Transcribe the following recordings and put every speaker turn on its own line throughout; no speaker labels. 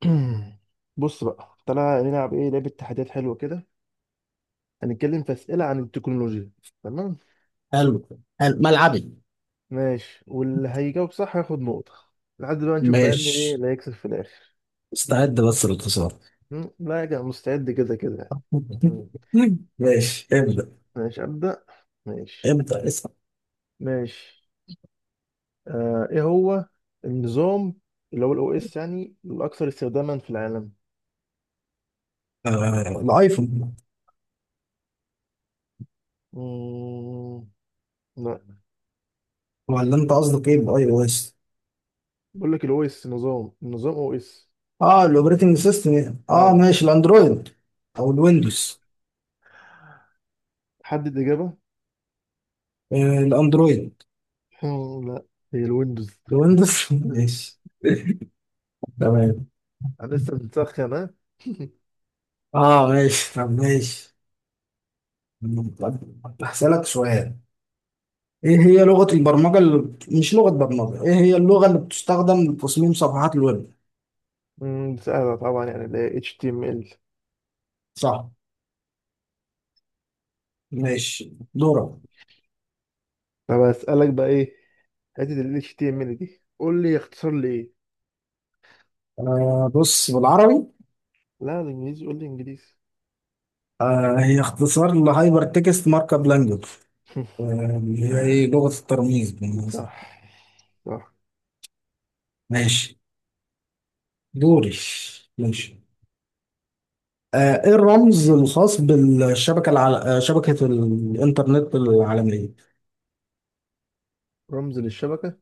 بص بقى تعالى نلعب ايه لعبة تحديات حلوة كده. هنتكلم في أسئلة عن التكنولوجيا. تمام.
حلو. حلو ملعبي.
ماشي، واللي هيجاوب صح هياخد نقطة. لحد بقى نشوف بقى مين ايه
ماشي،
اللي هيكسب في الآخر.
استعد بس للخسارة.
لا يا جماعة، مستعد كده كده يعني. مم،
ماشي،
ماشي.
ابدأ.
ماشي أبدأ. ماشي.
ابدأ اسأل.
ماشي. ايه هو النظام اللي هو الاو اس، يعني الأكثر استخداما في العالم؟
آه، الايفون.
مم، لا،
ولا انت قصدك ايه؟ باي او اس.
بقول لك الاو اس، نظام، النظام او اس.
اه، الاوبريتنج سيستم يعني. اه
اه
ماشي، الاندرويد او الويندوز.
حدد إجابة.
آه، الاندرويد.
لا، هي الويندوز.
الويندوز. ماشي، تمام.
انا لسه بنسخن ها.
اه ماشي، طب ماشي. طب هسألك سؤال، ايه هي لغة البرمجة مش لغة برمجة، ايه هي اللغة اللي بتستخدم لتصميم صفحات الويب؟
أمم، سهله طبعا، يعني ال HTML.
صح. ماشي، دورة.
طب اسالك بقى ايه، حته ال HTML دي، قول لي يختصر لي ايه.
آه، بص بالعربي.
لا الانجليزي، قول لي انجليزي.
آه، هي اختصار لهايبر تكست مارك اب لانجوج، اللي هي ايه، لغة الترميز بالمناسبة.
صح. صح.
ماشي، دوري. ماشي. آه، ايه الرمز الخاص بالشبكة شبكة الانترنت العالمية؟
رمز للشبكه،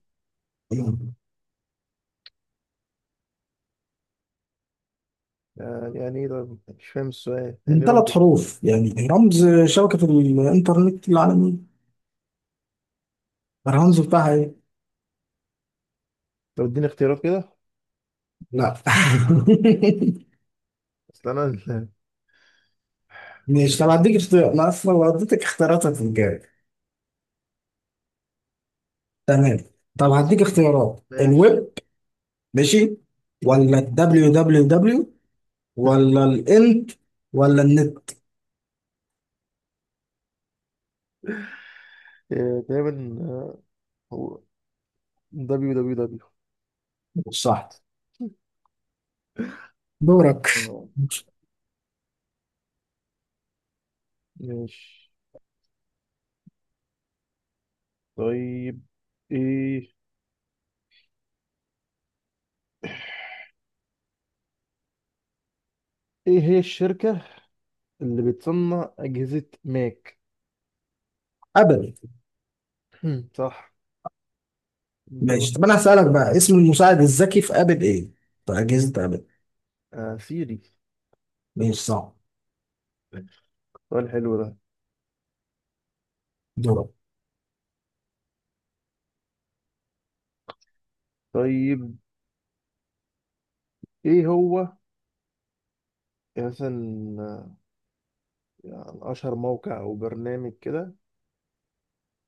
يعني ايه ده؟ مش فاهم السؤال، يعني
من
ايه رمز؟
ثلاث حروف، يعني رمز شبكة الانترنت العالمية. الرمز بتاعها ايه؟
طب اديني اختيارات كده.
لا.
اصل انا مش
مش طب
فاهم.
هديك اختيار، انا اصلا لو اديتك اختيارات هتتجاوب. تمام. طب هديك اختيارات،
ماشي.
الويب؟ ماشي. ولا الدبليو
أمم.
دبليو دبليو ولا الانت؟ ولا النت؟
إيه، تقريبا، هو دبليو دبليو دبليو.
صح. دورك.
آه، ماشي. طيب، ايه ايه هي الشركة اللي بتصنع أجهزة ماك؟
ابل.
هم، صح الجواب.
ماشي، طب انا
طيب.
هسألك بقى، اسم المساعد الذكي في ابل ايه؟ في اجهزة ابل.
سيري.
ماشي، صح.
سؤال حلو ده.
دورك.
طيب، ايه هو، مثلا، يعني، اشهر موقع او برنامج كده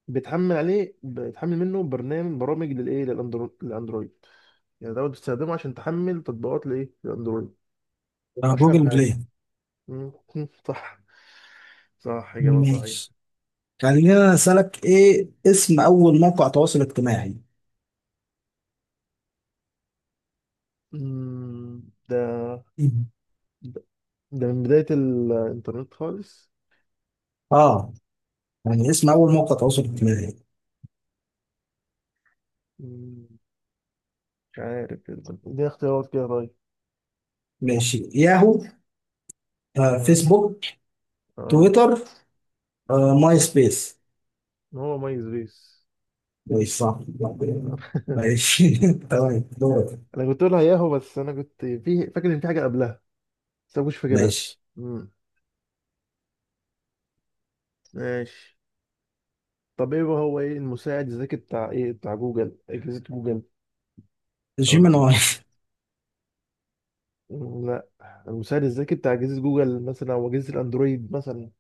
بتحمل عليه، بتحمل منه برنامج، برامج للايه، للاندرويد، يعني دوت بتستخدمه عشان تحمل تطبيقات، لايه، للاندرويد.
آه،
اشهر
جوجل
حاجة.
بلاي.
مم، صح. صح، إجابة صحيحة.
ماشي، خلينا اسألك، ايه اسم اول موقع تواصل اجتماعي؟
مم،
مم.
ده من بداية الإنترنت خالص.
اه، يعني اسم اول موقع تواصل اجتماعي.
مم، مش عارف. دي اختيارات كده طيب.
ماشي، ياهو،
تمام.
فيسبوك،
اه.
تويتر، ماي سبيس.
إن هو مايز بيس.
ماشي، صح. ماشي. تمام. دورك.
أنا كنت أقولها ياهو، بس أنا كنت، في فاكر إن في حاجة قبلها، بس أنا مش فاكرها.
ماشي.
مم، ماشي. طب إيه المساعد الذكي بتاع، بتاع جوجل، أجهزة جوجل؟ أو لا.
جيميناي.
لا، المساعد الذكي بتاع أجهزة جوجل مثلا، أو أجهزة الأندرويد مثلا.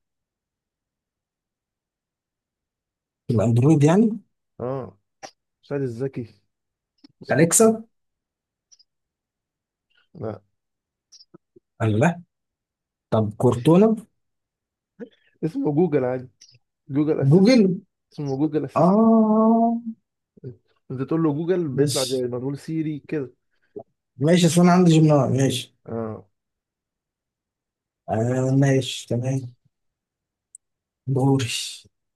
الاندرويد يعني.
اه المساعد الذكي اسمه.
اليكسا.
لا،
الله. طب كورتونا.
اسمه جوجل عادي، جوجل أسيست.
جوجل.
اسمه جوجل أسيست.
اه،
انت تقول له جوجل بيطلع زي
ماشي.
ما تقول سيري كده.
ماشي، اصل انا عندي جيميناي، ماشي.
اه.
آه، ماشي، تمام. دوري.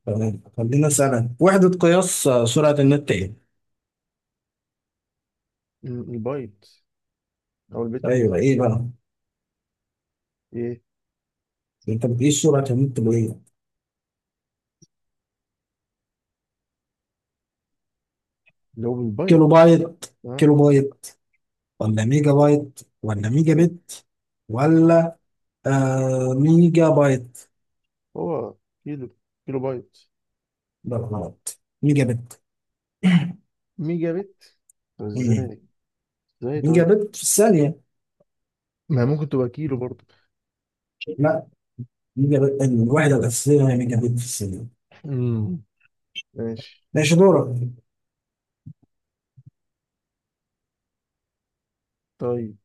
تمام، خلينا اسالك، وحدة قياس سرعة النت ايه؟
البايت، او البيت.
ايوه، ايه بقى؟
ايه،
انت بتقيس سرعة النت بايه؟
اللي هو
كيلو
بالبايت.
بايت.
اه.
كيلو بايت ولا ميجا بايت ولا ميجا
هو
بت؟ ولا ميجا بايت؟
هو كيلو كيلو بايت.
لا، غلط، ميجا بت.
ميجا بت. طب
مم.
ازاي؟ ازاي
ميجا
طيب؟
بت في الثانية.
ما ممكن تبقى كيلو برضه.
لا، ميجا بت، الوحدة الأساسية هي ميجا بت في الثانية.
امم ماشي.
ماشي، دورك.
طيب،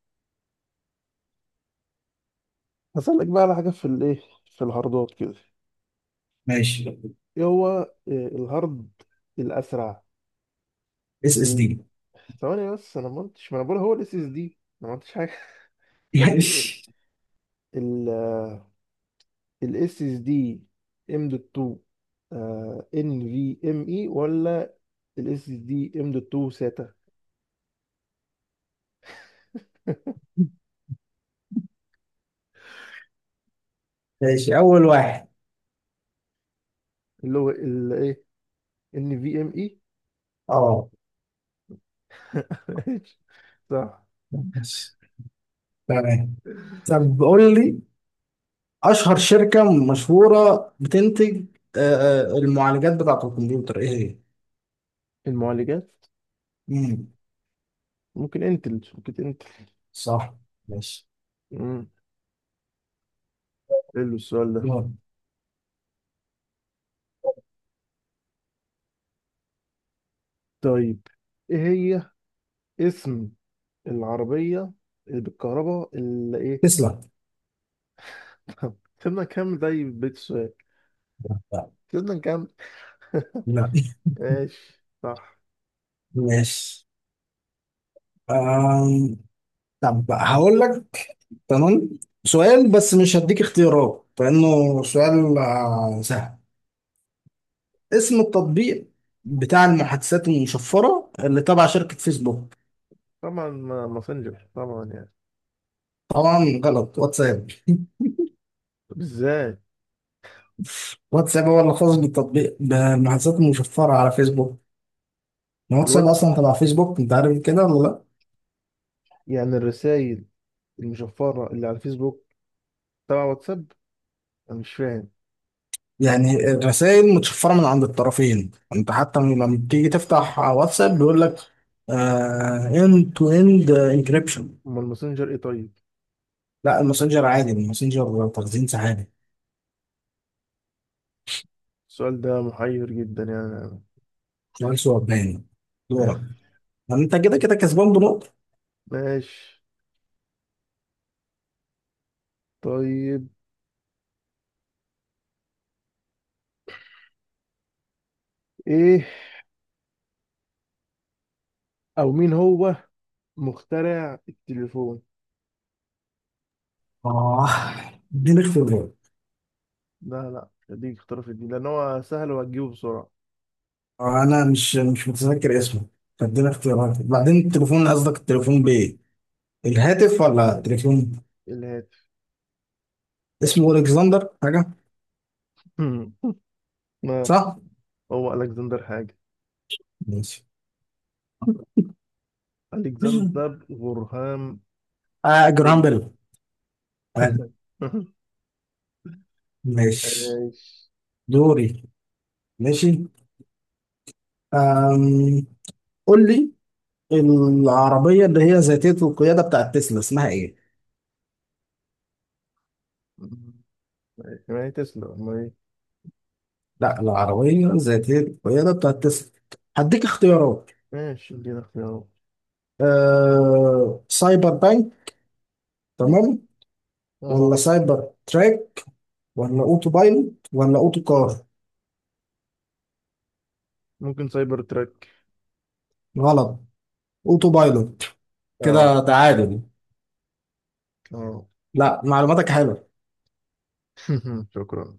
هسألك بقى على حاجة في، الايه، في الهاردات كده.
ماشي،
ايه هو، الهارد الأسرع؟
اس اس
ال-
دي.
ثواني بس، انا ما قلتش، ما انا بقول هو الاس اس دي، انا ما قلتش حاجة. طب
ماشي.
الاس اس دي ام دوت 2، ان في ام اي، ولا الاس اس دي ام دوت 2 ساتا؟
ماشي أول واحد.
اللي هو الايه، ان في ام اي.
اه،
ماشي، صح.
ماشي، تمام. طب قول لي، أشهر شركة مشهورة بتنتج آه المعالجات بتاعة الكمبيوتر إيه هي؟
المعالجات،
مم.
ممكن انتل، ممكن انتل.
صح. ماشي،
امم حلو السؤال ده.
دورك.
طيب، ايه هي، اسم العربية اللي بالكهرباء اللي ايه؟
تسلا.
سيبنا كام زي بيت السؤال.
لا،
سيبنا كام.
لا.
ماشي صح.
ماشي. طب هقول لك، تمام، سؤال بس مش هديك اختيارات لأنه سؤال آه، سهل. اسم التطبيق بتاع المحادثات المشفرة اللي تبع شركة فيسبوك.
طبعا ماسنجر طبعا يعني.
طبعا غلط، واتساب.
طب ازاي؟
واتساب هو اللي خاص بالتطبيق، بالمحادثات المشفرة على فيسبوك. واتساب
الواد،
أصلا تبع فيسبوك، أنت عارف كده ولا لأ؟
يعني الرسائل المشفرة اللي على الفيسبوك تبع واتساب. أنا مش فاهم.
يعني الرسائل متشفرة من عند الطرفين، أنت حتى لما بتيجي تفتح واتساب بيقول لك اند تو اند انكريبشن.
أمال الماسنجر إيه طيب؟
لا، الماسنجر عادي، الماسنجر تخزين سحابي،
السؤال ده محير جدا يعني.
شغال صور، باين. دورك. ما انت كده كده كسبان بنقطة.
ماشي. طيب، إيه، أو مين هو مخترع التليفون؟
اه، اديني اختيارات.
لا لا، مش هديك اختيار في دي، لأن هو سهل وهتجيبه بسرعة.
آه، انا مش متذكر اسمه، فاديني اختيارات. بعدين التليفون، قصدك التليفون بايه، الهاتف ولا
الهاتف.
التليفون؟
الهاتف.
اسمه الكسندر حاجة.
ما
صح.
هو ألكسندر حاجة.
ماشي. مين؟
ألكسندر غرهام
اه، جرام
بيل.
بيل. عادي. ماشي،
ماشي.
دوري. ماشي. آم. قول لي، العربية اللي هي ذاتية القيادة بتاعت تسلا اسمها ايه؟
ماشي، ما هي تسلا، ما هي.
لا، العربية ذاتية القيادة بتاعت تسلا. هديك اختيارات.
ماشي ادينا اختيارات.
آه، سايبر بانك. تمام. ولا
اه
سايبر تراك؟ ولا اوتو بايلوت؟ ولا اوتو كار؟
ممكن سايبر تراك.
غلط، اوتو بايلوت.
اه
كده تعادل.
اه
لا، معلوماتك حلوة.
شكرا.